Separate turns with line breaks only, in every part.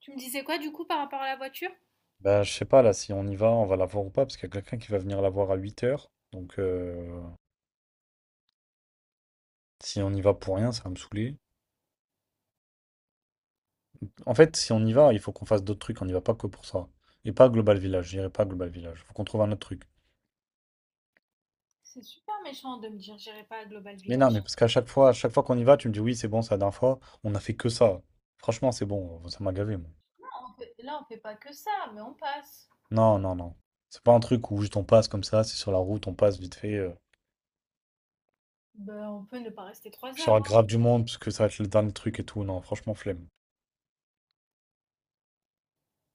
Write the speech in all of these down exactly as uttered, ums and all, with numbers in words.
Tu me disais quoi du coup par rapport à la voiture?
Bah, je sais pas, là, si on y va, on va la voir ou pas, parce qu'il y a quelqu'un qui va venir la voir à huit heures. Donc, euh, si on y va pour rien, ça va me saouler. En fait, si on y va, il faut qu'on fasse d'autres trucs, on n'y va pas que pour ça. Et pas à Global Village, j'irai pas à Global Village. Faut qu'on trouve un autre truc.
C'est super méchant de me dire j'irai pas à Global
Mais non, mais
Village.
parce qu'à chaque fois, à chaque fois qu'on y va, tu me dis oui, c'est bon, c'est la dernière fois, on a fait que ça. Franchement, c'est bon, ça m'a gavé, moi.
On fait- Là, on fait pas que ça, mais on passe.
Non, non, non. C'est pas un truc où juste on passe comme ça, c'est sur la route, on passe vite fait. euh,
Ben, on peut ne pas rester trois
Sur la
heures, hein.
grave du monde, parce que ça va être le dernier truc et tout. Non, franchement, flemme.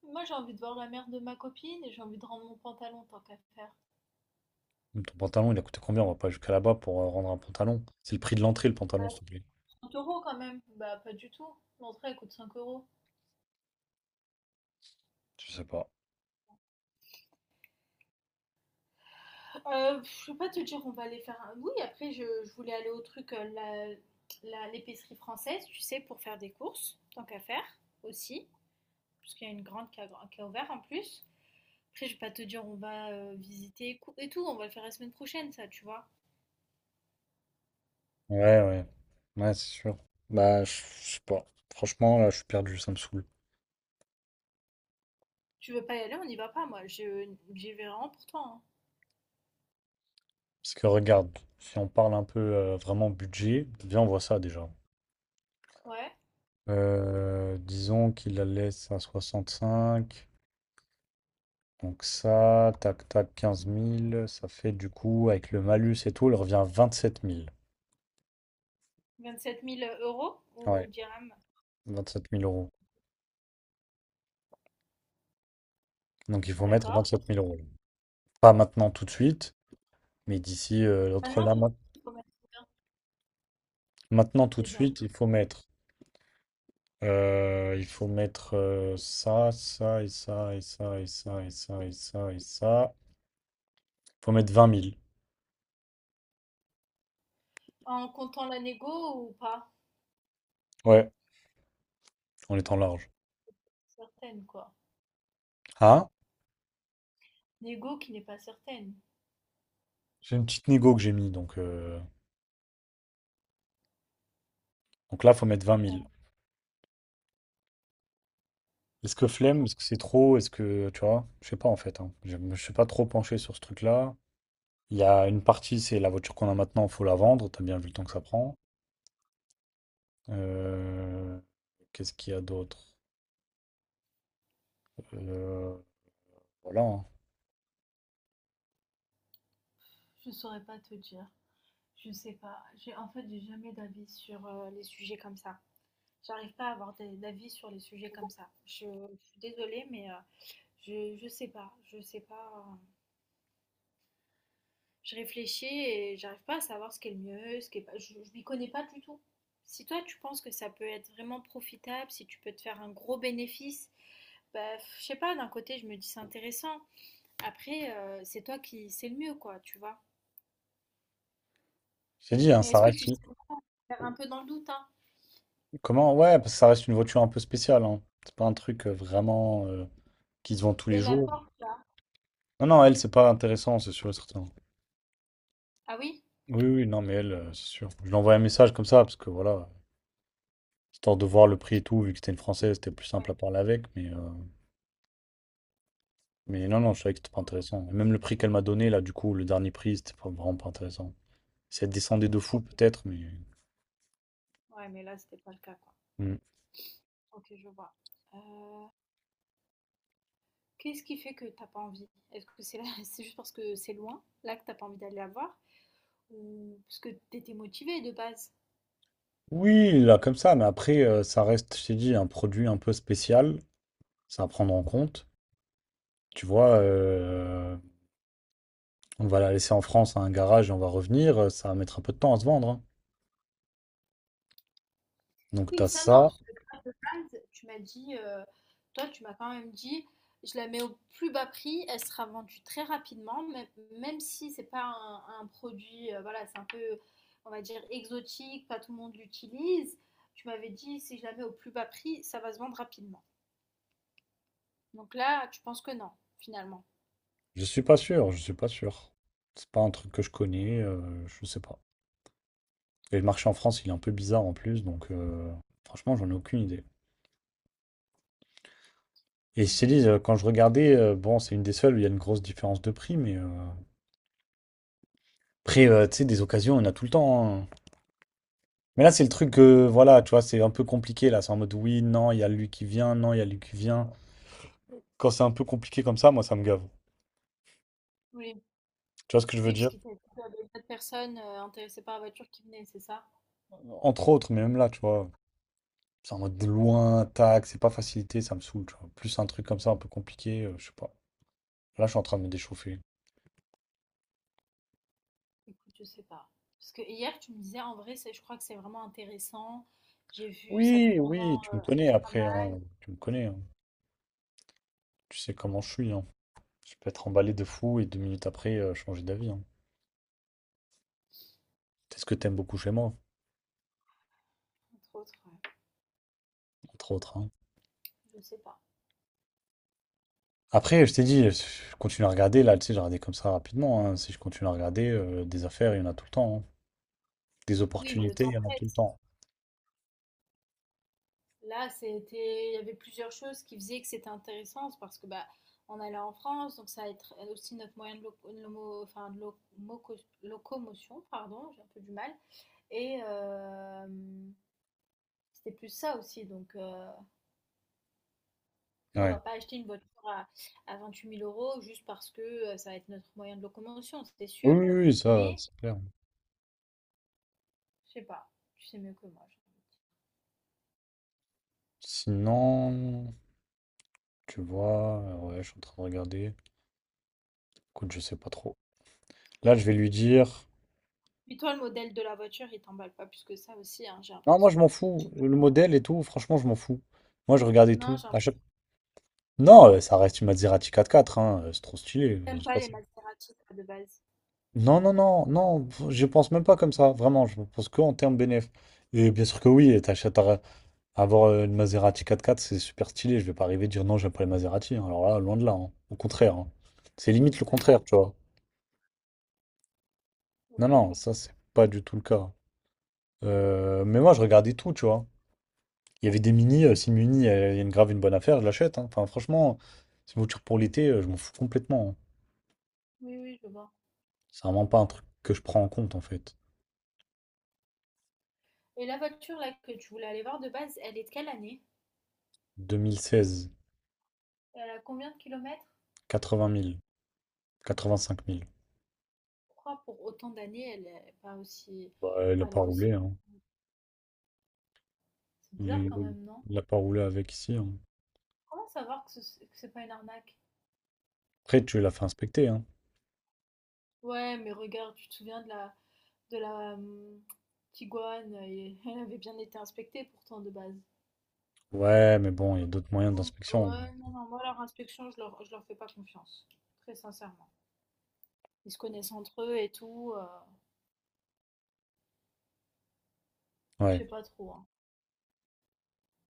Moi, j'ai envie de voir la mère de ma copine et j'ai envie de rendre mon pantalon tant qu'à faire.
Mmh, ton pantalon, il a coûté combien? On va pas jusqu'à là-bas pour, heu, rendre un pantalon. C'est le prix de l'entrée, le pantalon,
Ouais,
s'il te plaît.
trente euros quand même. Bah, pas du tout. L'entrée, elle coûte cinq euros.
Je sais pas.
Euh, pff, je peux pas te dire, on va aller faire un. Oui, après, je, je voulais aller au truc, euh, la, la- l'épicerie française, tu sais, pour faire des courses, tant qu'à faire aussi. Parce qu'il y a une grande qui a, qui a ouvert en plus. Après, je vais pas te dire on va euh, visiter et cou- et tout, on va le faire la semaine prochaine, ça, tu vois.
Ouais, ouais. Ouais, c'est sûr. Bah, je je sais pas. Franchement, là, je suis perdu, ça me saoule.
Tu veux pas y aller, on n'y va pas, moi. Je, j'y vais vraiment pour toi, hein.
Parce que regarde, si on parle un peu, heu, vraiment budget, viens, on voit ça déjà.
Ouais.
Heu, disons qu'il la laisse à soixante-cinq. Donc ça, tac, tac, quinze mille. Ça fait du coup, avec le malus et tout, elle revient à sept mille.
vingt-sept mille euros ou
Ouais,
dirhams.
vingt-sept mille euros. Donc il faut mettre
D'accord.
vingt-sept mille euros. Pas maintenant tout de suite. Mais d'ici, euh, entre
Maintenant,
là,
tout de
ma-
suite, il faut mettre combien,
maintenant, tout de
déjà?
suite, il faut mettre. euh, il faut mettre euh, ça, ça, et ça, et ça, et ça, et ça, et ça, et ça. Il faut mettre vingt mille.
En comptant la négo ou pas?
Ouais, en étant large.
Certaine, quoi.
Ah,
Négo qui n'est pas certaine.
j'ai une petite négo que j'ai mis, donc, euh, donc là, il faut mettre vingt mille. Est-ce que
Ok.
flemme? Est-ce que c'est trop? Est-ce que, tu vois, je sais pas en fait, hein. Je ne suis pas trop penché sur ce truc-là. Il y a une partie, c'est la voiture qu'on a maintenant, faut la vendre. T'as bien vu le temps que ça prend. Euh, Qu'est-ce qu'il y a d'autre? Euh, voilà, hein.
Je saurais pas te dire. Je sais pas. J'ai, en fait, j'ai jamais d'avis sur euh, les sujets comme ça. J'arrive pas à avoir des- D'avis sur les sujets comme ça. Je, je suis désolée, mais euh, Je, je sais pas, je sais pas. Je réfléchis et j'arrive pas à savoir ce qui est le mieux, ce qui est pas. Je, je m'y connais pas du tout. Si toi tu penses que ça peut être vraiment profitable, si tu peux te faire un gros bénéfice, bah, je sais pas, d'un côté je me dis c'est intéressant. Après, euh, c'est toi qui sais le mieux, quoi, tu vois.
Je t'ai dit, hein,
Mais
ça
est-ce que
reste
tu sais
une...
faire un peu dans le doute, hein?
Comment? Ouais, parce que ça reste une voiture un peu spéciale, hein. C'est pas un truc euh, vraiment euh, qui se vend tous les
Et la
jours.
porte là?
Non, non, elle, c'est pas intéressant, c'est sûr et certain.
Ah oui?
Oui, oui, non, mais elle, euh, c'est sûr. Je lui envoie un message comme ça, parce que voilà, histoire de voir le prix et tout, vu que c'était une française, c'était plus simple
Ouais,
à parler avec, mais, euh, mais non, non, je savais que c'était pas intéressant. Et même le prix qu'elle m'a donné, là, du coup, le dernier prix, c'était pas- vraiment pas intéressant. Si elle descendait de fou,
ok.
peut-être, mais.
Ouais, mais là c'était pas le cas, quoi.
Mm.
Ok, je vois. Euh, Qu'est-ce qui fait que t'as pas envie? Est-ce que c'est là, c'est juste parce que c'est loin, là que t'as pas envie d'aller la voir, ou parce que t'étais motivée de base?
Oui, là, comme ça, mais après, euh, ça reste, je t'ai dit, un produit un peu spécial, ça à prendre en compte. Tu vois, euh, on va la laisser en France à un garage et on va revenir. euh, Ça va mettre un peu de temps à se vendre, hein. Donc, tu
Oui,
as
ça non,
ça.
parce que toi, de base, tu m'as dit, euh, toi, tu m'as quand même dit, je la mets au plus bas prix, elle sera vendue très rapidement, même, même si c'est pas un, un produit, euh, voilà, c'est un peu, on va dire, exotique, pas tout le monde l'utilise. Tu m'avais dit, si je la mets au plus bas prix, ça va se vendre rapidement. Donc là, tu penses que non, finalement.
Je suis pas sûr, je suis pas sûr. C'est pas un truc que je connais, euh, je sais pas. Et le marché en France, il est un peu bizarre en plus, donc euh, franchement, j'en ai aucune idée. Et je te dis, euh, quand je regardais, euh, bon, c'est une des seules où il y a une grosse différence de prix, mais euh, après, euh, tu sais, des occasions, on a tout le temps, hein. Mais là, c'est le truc, euh, voilà, tu vois, c'est un peu compliqué là. C'est en mode oui, non, il y a lui qui vient, non, il y a lui qui vient. Quand c'est un peu compliqué comme ça, moi, ça me gave.
Oui,
Tu vois ce que je veux
oui, parce
dire?
qu'il y avait d'autres personnes euh, intéressées par la voiture qui venaient, c'est ça?
Entre autres, mais même là, tu vois, c'est en mode de loin, tac, c'est pas facilité, ça me saoule, tu vois. Plus un truc comme ça, un peu compliqué, euh, je sais pas. Là, je suis en train de me déchauffer.
Écoute, je sais pas. Parce que hier, tu me disais, en vrai, c'est- je crois que c'est vraiment intéressant. J'ai vu, ça peut
Oui, oui,
vraiment
tu
euh,
me connais
être pas
après,
mal,
hein. Tu me connais, hein. Tu sais comment je suis, hein. Je peux être emballé de fou et deux minutes après, euh, changer d'avis, hein. C'est ce que t'aimes beaucoup chez moi,
entre autres, ouais.
entre autres, hein.
Je sais pas.
Après, je t'ai dit, je continue à regarder, là, tu sais, j'ai regardé comme ça rapidement, hein. Si je continue à regarder, euh, des affaires, il y en a tout le temps, hein. Des
Oui, mais le
opportunités, il
temps
y en a tout le
presse.
temps.
Là, c'était, il y avait plusieurs choses qui faisaient que c'était intéressant, c'est parce que bah, on allait en France, donc ça va être aussi notre moyen de, loco- de lomo- enfin, de loco- locomotion, pardon, j'ai un peu du mal. Et euh, c'était plus ça aussi, donc euh, on va
Ouais.
pas acheter une voiture à, à vingt-huit mille euros juste parce que euh, ça va être notre moyen de locomotion, c'est
Oui,
sûr.
oui, oui, ça,
Mais,
c'est clair.
je sais pas, tu sais mieux que moi, j'ai envie de dire.
Sinon, tu vois, euh, ouais, je suis en train de regarder. Écoute, je sais pas trop. Là, je vais lui dire.
Puis toi, le modèle de la voiture, il t'emballe pas plus que ça aussi, hein, j'ai
Non, moi je
l'impression.
m'en fous. Le modèle et tout, franchement, je m'en fous. Moi je regardais
Non,
tout.
j'ai l'impression
À
que
chaque- Non, euh, ça reste une Maserati quatre quatre, hein, euh, c'est trop stylé. Euh,
t'aimes
c'est
pas
pas
les
ça.
Maserati, toi, de base.
Non, non, non, non, je pense même pas comme ça, vraiment, je pense que en termes bénéf. Et bien sûr que oui, t'achètes à- avoir euh, une Maserati quatre quatre, c'est super stylé. Je vais pas arriver à dire non, j'aime pas les Maserati, hein. Alors là, loin de là, hein. Au contraire, hein. C'est limite le
Ouais,
contraire, tu vois. Non,
ok.
non, ça c'est pas du tout le cas. Euh, mais moi je regardais tout, tu vois. Il y avait des mini, euh, si le mini euh, il y a une grave une bonne affaire, je l'achète, hein. Enfin, franchement, c'est une voiture pour l'été, euh, je m'en fous complètement, hein.
Oui, oui, je vois.
C'est vraiment pas un truc que je prends en compte en fait.
Et la voiture là que tu voulais aller voir de base, elle est de quelle année?
deux mille seize,
Elle a combien de kilomètres?
quatre-vingt mille, quatre-vingt-cinq mille.
Pourquoi pour autant d'années, elle est pas aussi...
Bah, elle a
enfin, elle
pas
est
roulé,
aussi...
hein.
C'est bizarre quand
Il
même, non?
il a pas roulé avec ici, hein.
Comment savoir que ce- que c'est pas une arnaque?
Après, tu l'as fait inspecter, hein.
Ouais, mais regarde, tu te souviens de la, de la hum, Tiguan, et- elle avait bien été inspectée pourtant de base.
Ouais, mais bon, il y a d'autres moyens d'inspection.
Ouais, non, non, moi leur inspection, je leur, je leur fais pas confiance, très sincèrement. Ils se connaissent entre eux et tout, euh, je
Ouais.
sais pas trop, hein.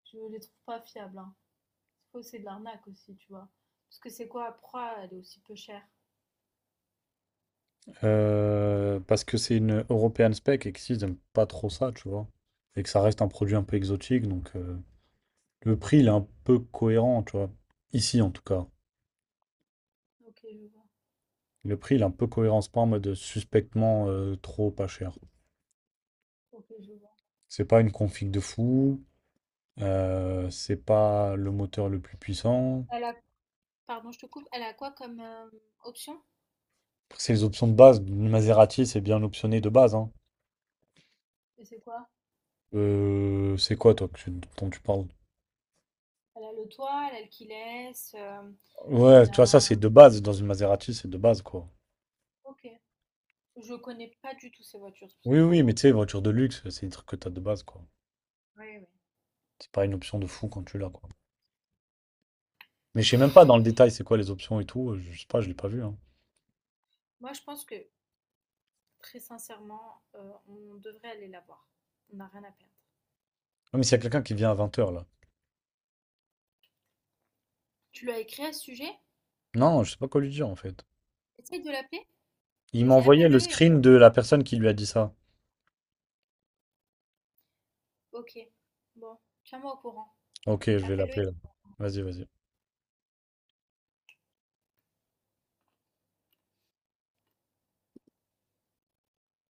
Je les trouve pas fiables, hein. C'est faux, c'est de l'arnaque aussi, tu vois. Parce que c'est quoi, Proie, elle est aussi peu chère.
Euh, parce que c'est une European spec et qu'ici, ils aiment pas trop ça, tu vois. Et que ça reste un produit un peu exotique, donc. euh, Le prix, il est un peu cohérent, tu vois. Ici, en tout cas.
Ok, je vois.
Le prix, il est un peu cohérent. C'est pas en mode suspectement euh, trop pas cher.
Ok, je vois.
C'est pas une config de fou. Euh, c'est pas le moteur le plus puissant.
Elle a, pardon, je te coupe, elle a quoi comme euh, option?
Après, c'est les options de base. Le Maserati, c'est bien optionné de base, hein.
Et c'est quoi?
Euh, c'est quoi, toi, que tu- dont tu parles?
Elle a le toit, elle a le Kiles, euh,
Ouais,
elle
tu vois, ça,
a...
c'est de base. Dans une Maserati, c'est de base, quoi.
Ok. Je connais pas du tout ces voitures, c'est pour ça
Oui,
que je
oui, mais
demande.
tu sais, voiture de luxe, c'est des trucs que t'as de base, quoi.
Oui, oui.
C'est pas une option de fou quand tu l'as, quoi. Mais je sais même pas dans le détail c'est quoi les options et tout. euh, Je sais pas, je l'ai pas vu, hein.
Moi, je pense que, très sincèrement, euh, on devrait aller la voir. On n'a rien à perdre.
Non, mais s'il y a quelqu'un qui vient à vingt heures là.
Tu lui as écrit à ce sujet?
Non, je sais pas quoi lui dire en fait.
Essaye de l'appeler.
Il m'a
Vas-y,
envoyé
appelle-le
le
et
screen de la personne qui lui a dit ça.
on- Ok. Bon, tiens-moi au courant.
Ok, je vais
Appelle-le
l'appeler là. Vas-y, vas-y.